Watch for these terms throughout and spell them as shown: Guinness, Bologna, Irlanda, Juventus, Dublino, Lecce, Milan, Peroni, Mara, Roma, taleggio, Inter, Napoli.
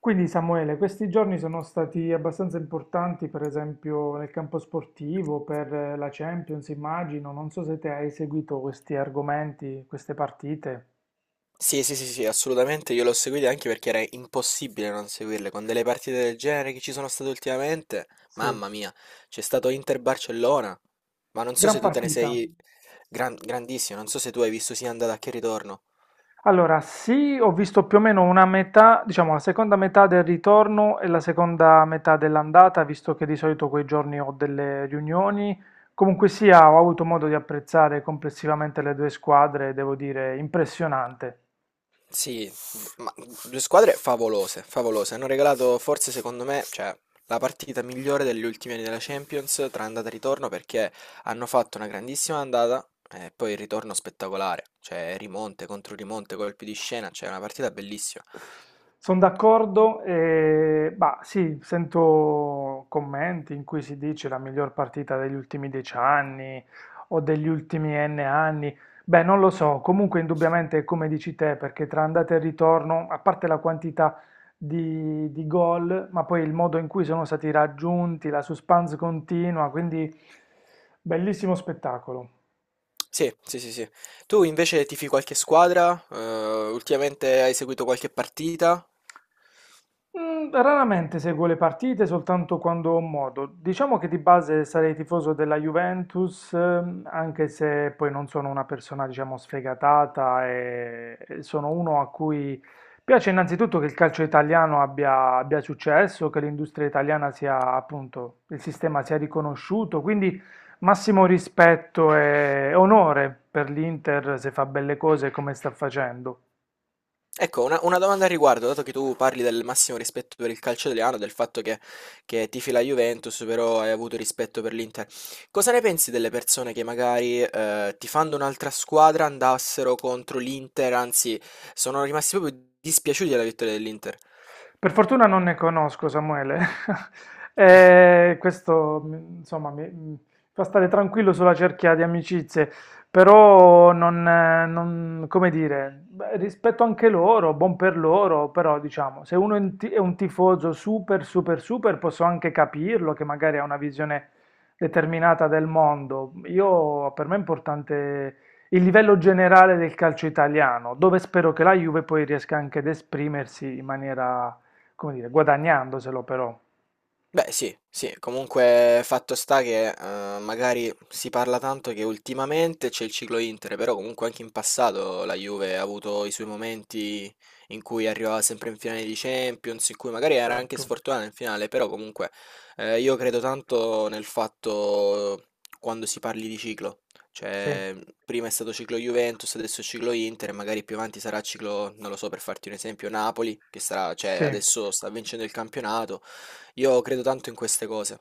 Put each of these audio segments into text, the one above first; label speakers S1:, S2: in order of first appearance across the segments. S1: Quindi Samuele, questi giorni sono stati abbastanza importanti, per esempio nel campo sportivo, per la Champions, immagino. Non so se te hai seguito questi argomenti, queste partite.
S2: Sì, sì, sì, sì, assolutamente, io l'ho seguita anche perché era impossibile non seguirle, con delle partite del genere che ci sono state ultimamente,
S1: Sì,
S2: mamma mia, c'è stato Inter-Barcellona, ma non so
S1: gran
S2: se tu te ne
S1: partita.
S2: sei grandissimo, non so se tu hai visto sia andata che ritorno.
S1: Allora, ho visto più o meno una metà, diciamo la seconda metà del ritorno e la seconda metà dell'andata, visto che di solito quei giorni ho delle riunioni. Comunque sia, ho avuto modo di apprezzare complessivamente le due squadre, devo dire, impressionante.
S2: Sì, ma due squadre favolose, favolose. Hanno regalato forse secondo me, cioè, la partita migliore degli ultimi anni della Champions tra andata e ritorno perché hanno fatto una grandissima andata e poi il ritorno spettacolare, cioè rimonte contro rimonte, colpi di scena, cioè una partita bellissima.
S1: Sono d'accordo, e bah, sì, sento commenti in cui si dice la miglior partita degli ultimi 10 anni o degli ultimi N anni. Beh, non lo so, comunque indubbiamente è come dici te, perché tra andata e ritorno, a parte la quantità di gol, ma poi il modo in cui sono stati raggiunti, la suspense continua, quindi bellissimo spettacolo.
S2: Sì, sì, sì, sì. Tu invece tifi qualche squadra? Ultimamente hai seguito qualche partita?
S1: Mm, raramente seguo le partite, soltanto quando ho modo. Diciamo che di base sarei tifoso della Juventus, anche se poi non sono una persona, diciamo, sfegatata e sono uno a cui piace innanzitutto che il calcio italiano abbia, abbia successo, che l'industria italiana sia, appunto, il sistema sia riconosciuto, quindi massimo rispetto e onore per l'Inter se fa belle cose come sta facendo.
S2: Ecco, una domanda al riguardo, dato che tu parli del massimo rispetto per il calcio italiano, del fatto che tifi la Juventus, però hai avuto rispetto per l'Inter. Cosa ne pensi delle persone che magari tifando un'altra squadra andassero contro l'Inter, anzi, sono rimasti proprio dispiaciuti della vittoria dell'Inter?
S1: Per fortuna non ne conosco, Samuele. E questo, insomma, mi fa stare tranquillo sulla cerchia di amicizie, però non, come dire, beh, rispetto anche loro, buon per loro, però diciamo, se uno è un è un tifoso super, super, super, posso anche capirlo che magari ha una visione determinata del mondo. Io, per me è importante il livello generale del calcio italiano, dove spero che la Juve poi riesca anche ad esprimersi in maniera come dire, guadagnandoselo però,
S2: Beh sì, sì, comunque fatto sta che, magari si parla tanto che ultimamente c'è il ciclo Inter, però comunque anche in passato la Juve ha avuto i suoi momenti in cui arrivava sempre in finale di Champions, in cui magari era anche
S1: certo,
S2: sfortunata in finale, però comunque, io credo tanto nel fatto quando si parli di ciclo,
S1: sì,
S2: cioè prima è stato ciclo Juventus, adesso è ciclo Inter, e magari più avanti sarà ciclo, non lo so, per farti un esempio, Napoli, che sarà, cioè
S1: sì.
S2: adesso sta vincendo il campionato. Io credo tanto in queste cose.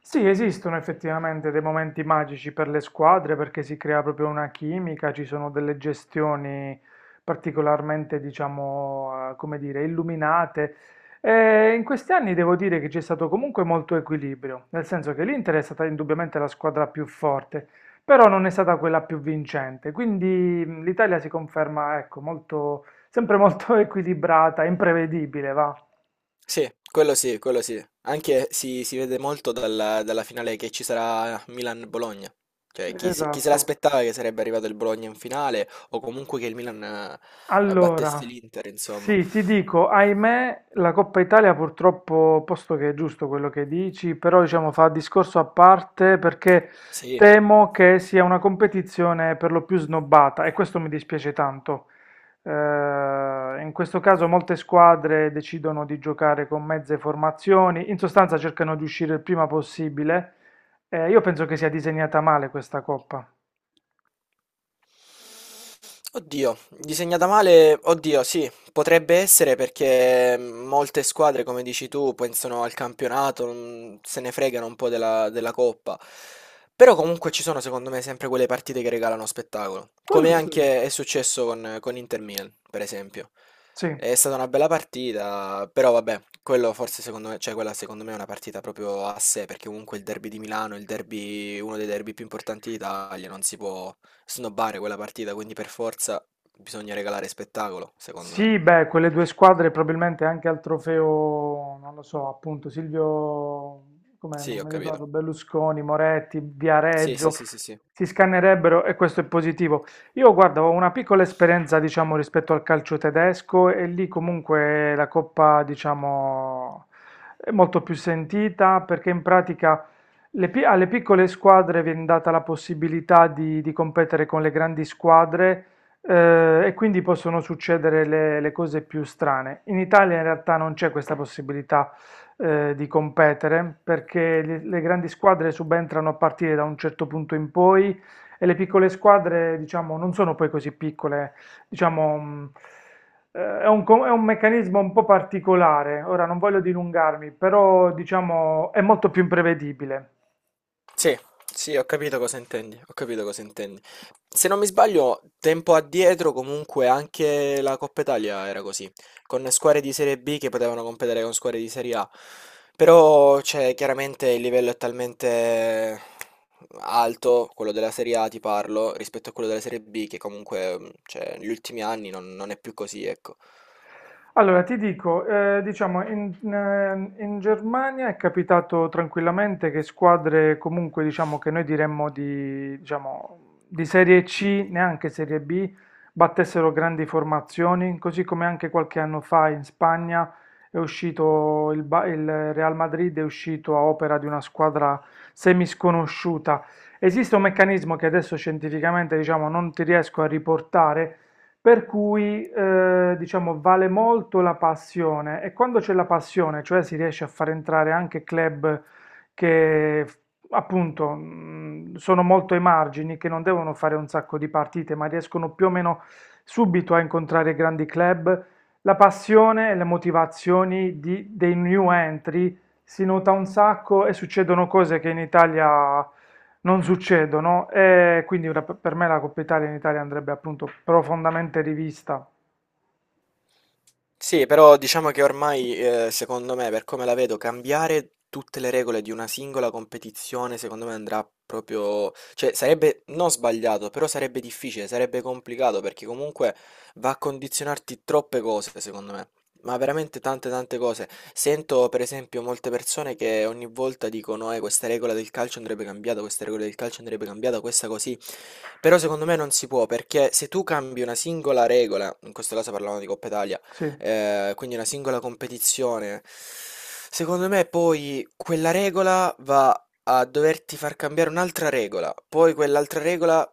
S1: Sì, esistono effettivamente dei momenti magici per le squadre perché si crea proprio una chimica, ci sono delle gestioni particolarmente, diciamo, come dire, illuminate. E in questi anni devo dire che c'è stato comunque molto equilibrio, nel senso che l'Inter è stata indubbiamente la squadra più forte, però non è stata quella più vincente. Quindi l'Italia si conferma, ecco, molto, sempre molto equilibrata, imprevedibile, va.
S2: Sì, quello sì, quello sì. Anche si vede molto dalla, dalla finale che ci sarà Milan-Bologna. Cioè, chi, chi se
S1: Esatto.
S2: l'aspettava che sarebbe arrivato il Bologna in finale o comunque che il Milan battesse
S1: Allora,
S2: l'Inter, insomma.
S1: sì, ti dico, ahimè, la Coppa Italia purtroppo, posto che è giusto quello che dici, però diciamo fa discorso a parte perché
S2: Sì.
S1: temo che sia una competizione per lo più snobbata e questo mi dispiace tanto. In questo caso molte squadre decidono di giocare con mezze formazioni, in sostanza cercano di uscire il prima possibile. Io penso che sia disegnata male questa Coppa.
S2: Oddio, disegnata male, oddio, sì, potrebbe essere perché molte squadre, come dici tu, pensano al campionato, se ne fregano un po' della, della coppa. Però comunque ci sono, secondo me, sempre quelle partite che regalano spettacolo.
S1: Quello
S2: Come
S1: sì.
S2: anche è successo con Inter Milan, per esempio.
S1: Sì.
S2: È stata una bella partita, però vabbè, quello forse secondo me, cioè quella secondo me è una partita proprio a sé, perché comunque il derby di Milano, il derby, uno dei derby più importanti d'Italia, non si può snobbare quella partita, quindi per forza bisogna regalare spettacolo, secondo me.
S1: Sì, beh, quelle due squadre probabilmente anche al trofeo, non lo so, appunto Silvio, come
S2: Sì,
S1: non
S2: ho
S1: mi ricordo,
S2: capito.
S1: Berlusconi, Moretti,
S2: Sì, sì,
S1: Viareggio,
S2: sì, sì, sì.
S1: si scannerebbero e questo è positivo. Io guarda, ho una piccola esperienza, diciamo, rispetto al calcio tedesco e lì comunque la coppa, diciamo, è molto più sentita perché in pratica alle piccole squadre viene data la possibilità di competere con le grandi squadre e quindi possono succedere le cose più strane. In Italia in realtà non c'è questa possibilità di competere perché le grandi squadre subentrano a partire da un certo punto in poi e le piccole squadre, diciamo, non sono poi così piccole, diciamo, è un, è un meccanismo un po' particolare. Ora non voglio dilungarmi, però diciamo è molto più imprevedibile.
S2: Sì, sì, ho capito cosa intendi, ho capito cosa intendi. Se non mi sbaglio, tempo addietro comunque anche la Coppa Italia era così, con squadre di Serie B che potevano competere con squadre di Serie A. Però, cioè, chiaramente il livello è talmente alto, quello della Serie A ti parlo, rispetto a quello della Serie B, che comunque, cioè, negli ultimi anni non, non è più così, ecco.
S1: Allora, ti dico, diciamo, in, in Germania è capitato tranquillamente che squadre comunque, diciamo, che noi diremmo di, diciamo, di Serie
S2: Mm.
S1: C, neanche Serie B, battessero grandi formazioni, così come anche qualche anno fa in Spagna è uscito il, il Real Madrid, è uscito a opera di una squadra semisconosciuta. Esiste un meccanismo che adesso scientificamente, diciamo, non ti riesco a riportare per cui, diciamo, vale molto la passione e quando c'è la passione, cioè si riesce a far entrare anche club che appunto sono molto ai margini, che non devono fare un sacco di partite, ma riescono più o meno subito a incontrare grandi club, la passione e le motivazioni dei new entry si nota un sacco e succedono cose che in Italia non succedono e quindi per me la Coppa Italia in Italia andrebbe appunto profondamente rivista.
S2: Sì, però diciamo che ormai, secondo me, per come la vedo, cambiare tutte le regole di una singola competizione, secondo me andrà proprio, cioè sarebbe non sbagliato, però sarebbe difficile, sarebbe complicato perché comunque va a condizionarti troppe cose, secondo me. Ma veramente tante tante cose. Sento per esempio molte persone che ogni volta dicono, questa regola del calcio andrebbe cambiata, questa regola del calcio andrebbe cambiata, questa così. Però secondo me non si può, perché se tu cambi una singola regola, in questo caso parlavamo di Coppa Italia,
S1: Sì.
S2: quindi una singola competizione. Secondo me poi quella regola va a doverti far cambiare un'altra regola, poi quell'altra regola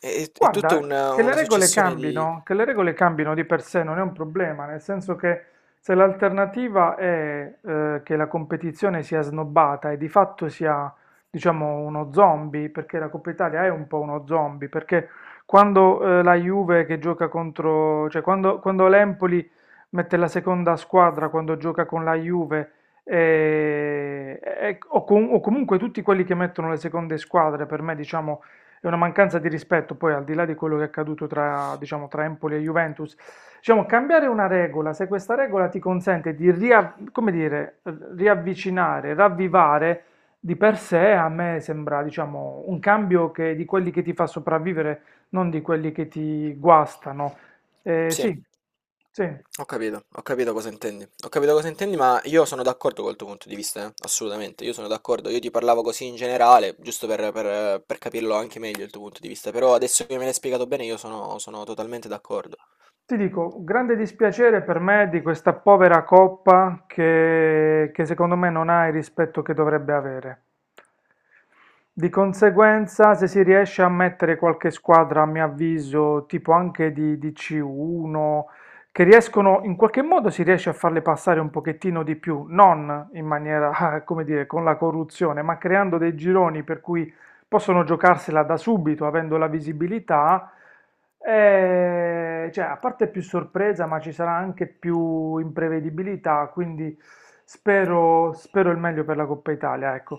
S2: è tutta
S1: Guarda, che le
S2: una
S1: regole
S2: successione di...
S1: cambino, che le regole cambino di per sé non è un problema, nel senso che se l'alternativa è che la competizione sia snobbata e di fatto sia, diciamo, uno zombie, perché la Coppa Italia è un po' uno zombie, perché quando la Juve che gioca contro, cioè quando, quando l'Empoli mette la seconda squadra quando gioca con la Juve, o comunque tutti quelli che mettono le seconde squadre, per me, diciamo è una mancanza di rispetto, poi al di là di quello che è accaduto tra, diciamo, tra Empoli e Juventus, diciamo, cambiare una regola, se questa regola ti consente di come dire, riavvicinare, ravvivare, di per sé a me sembra, diciamo, un cambio che, di quelli che ti fa sopravvivere, non di quelli che ti guastano.
S2: Sì,
S1: Sì, sì.
S2: ho capito cosa intendi, ho capito cosa intendi, ma io sono d'accordo col tuo punto di vista, assolutamente, io sono d'accordo, io ti parlavo così in generale, giusto per, per capirlo anche meglio il tuo punto di vista, però adesso che me l'hai spiegato bene io sono totalmente d'accordo.
S1: Ti dico, grande dispiacere per me di questa povera coppa che secondo me non ha il rispetto che dovrebbe avere. Di conseguenza, se si riesce a mettere qualche squadra, a mio avviso, tipo anche di C1, che riescono, in qualche modo si riesce a farle passare un pochettino di più, non in maniera, come dire, con la corruzione, ma creando dei gironi per cui possono giocarsela da subito avendo la visibilità, cioè, a parte più sorpresa, ma ci sarà anche più imprevedibilità, quindi spero, spero il meglio per la Coppa Italia, ecco.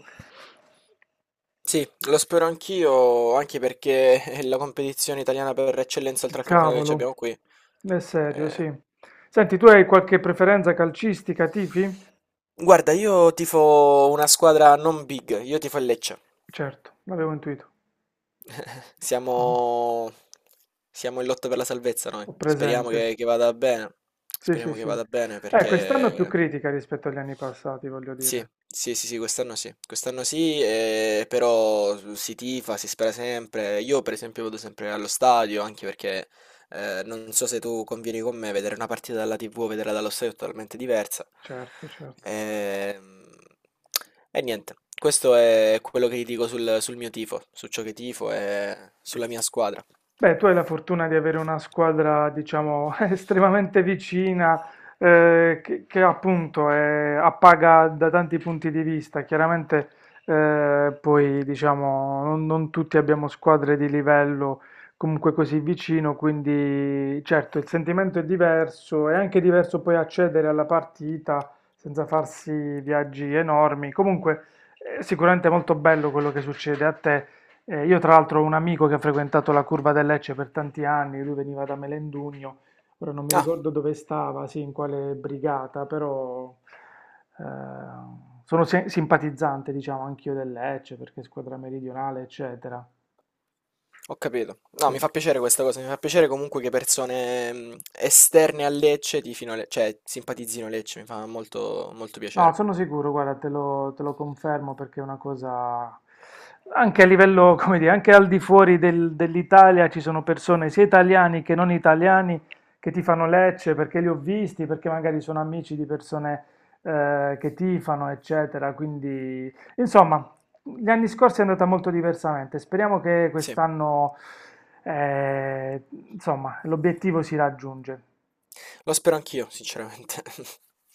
S2: Sì, lo spero anch'io, anche perché è la competizione italiana per eccellenza oltre al campionato che ci
S1: Cavolo,
S2: abbiamo qui.
S1: è serio,
S2: Eh.
S1: sì. Senti, tu hai qualche preferenza calcistica, tifi?
S2: Guarda, io tifo una squadra non big, io tifo il Lecce.
S1: Certo, l'avevo intuito. Mhm.
S2: Siamo, siamo in lotta per la salvezza noi.
S1: Ho
S2: Speriamo
S1: presente.
S2: che vada bene.
S1: Sì, sì,
S2: Speriamo che
S1: sì.
S2: vada bene
S1: Quest'anno è più
S2: perché
S1: critica rispetto agli anni passati, voglio
S2: sì,
S1: dire.
S2: sì, sì, sì, quest'anno sì. Quest'anno sì, però si tifa, si spera sempre. Io per esempio vado sempre allo stadio anche perché non so se tu convieni con me, vedere una partita dalla TV o vederla dallo stadio è totalmente diversa.
S1: Certo, certo.
S2: Ehm, E, niente, questo è quello che ti dico sul, sul mio tifo, su ciò che tifo e sulla mia squadra.
S1: Beh, tu hai la fortuna di avere una squadra, diciamo, estremamente vicina, che appunto appaga da tanti punti di vista. Chiaramente, poi, diciamo, non, non tutti abbiamo squadre di livello comunque così vicino, quindi certo il sentimento è diverso, è anche diverso poi accedere alla partita senza farsi viaggi enormi. Comunque, è sicuramente molto bello quello che succede a te. Io tra l'altro ho un amico che ha frequentato la curva del Lecce per tanti anni, lui veniva da Melendugno, ora non mi
S2: Ah,
S1: ricordo dove stava, sì, in quale brigata, però eh, sono simpatizzante, diciamo, anch'io del Lecce perché squadra meridionale, eccetera.
S2: ho capito. No,
S1: Sì.
S2: mi fa piacere questa cosa, mi fa piacere comunque che persone esterne a Lecce tifino, cioè simpatizzino Lecce, mi fa molto, molto
S1: No,
S2: piacere.
S1: sono sicuro, guarda, te lo confermo perché è una cosa, anche a livello, come dire, anche al di fuori dell'Italia ci sono persone, sia italiani che non italiani, che tifano Lecce perché li ho visti, perché magari sono amici di persone che tifano, eccetera. Quindi, insomma, gli anni scorsi è andata molto diversamente. Speriamo che
S2: Sì,
S1: quest'anno, eh, insomma, l'obiettivo si raggiunge.
S2: lo spero anch'io, sinceramente.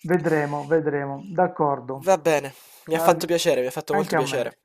S1: Vedremo, vedremo, d'accordo.
S2: Va bene, mi ha
S1: Ah,
S2: fatto piacere, mi ha fatto
S1: anche
S2: molto
S1: a me.
S2: piacere.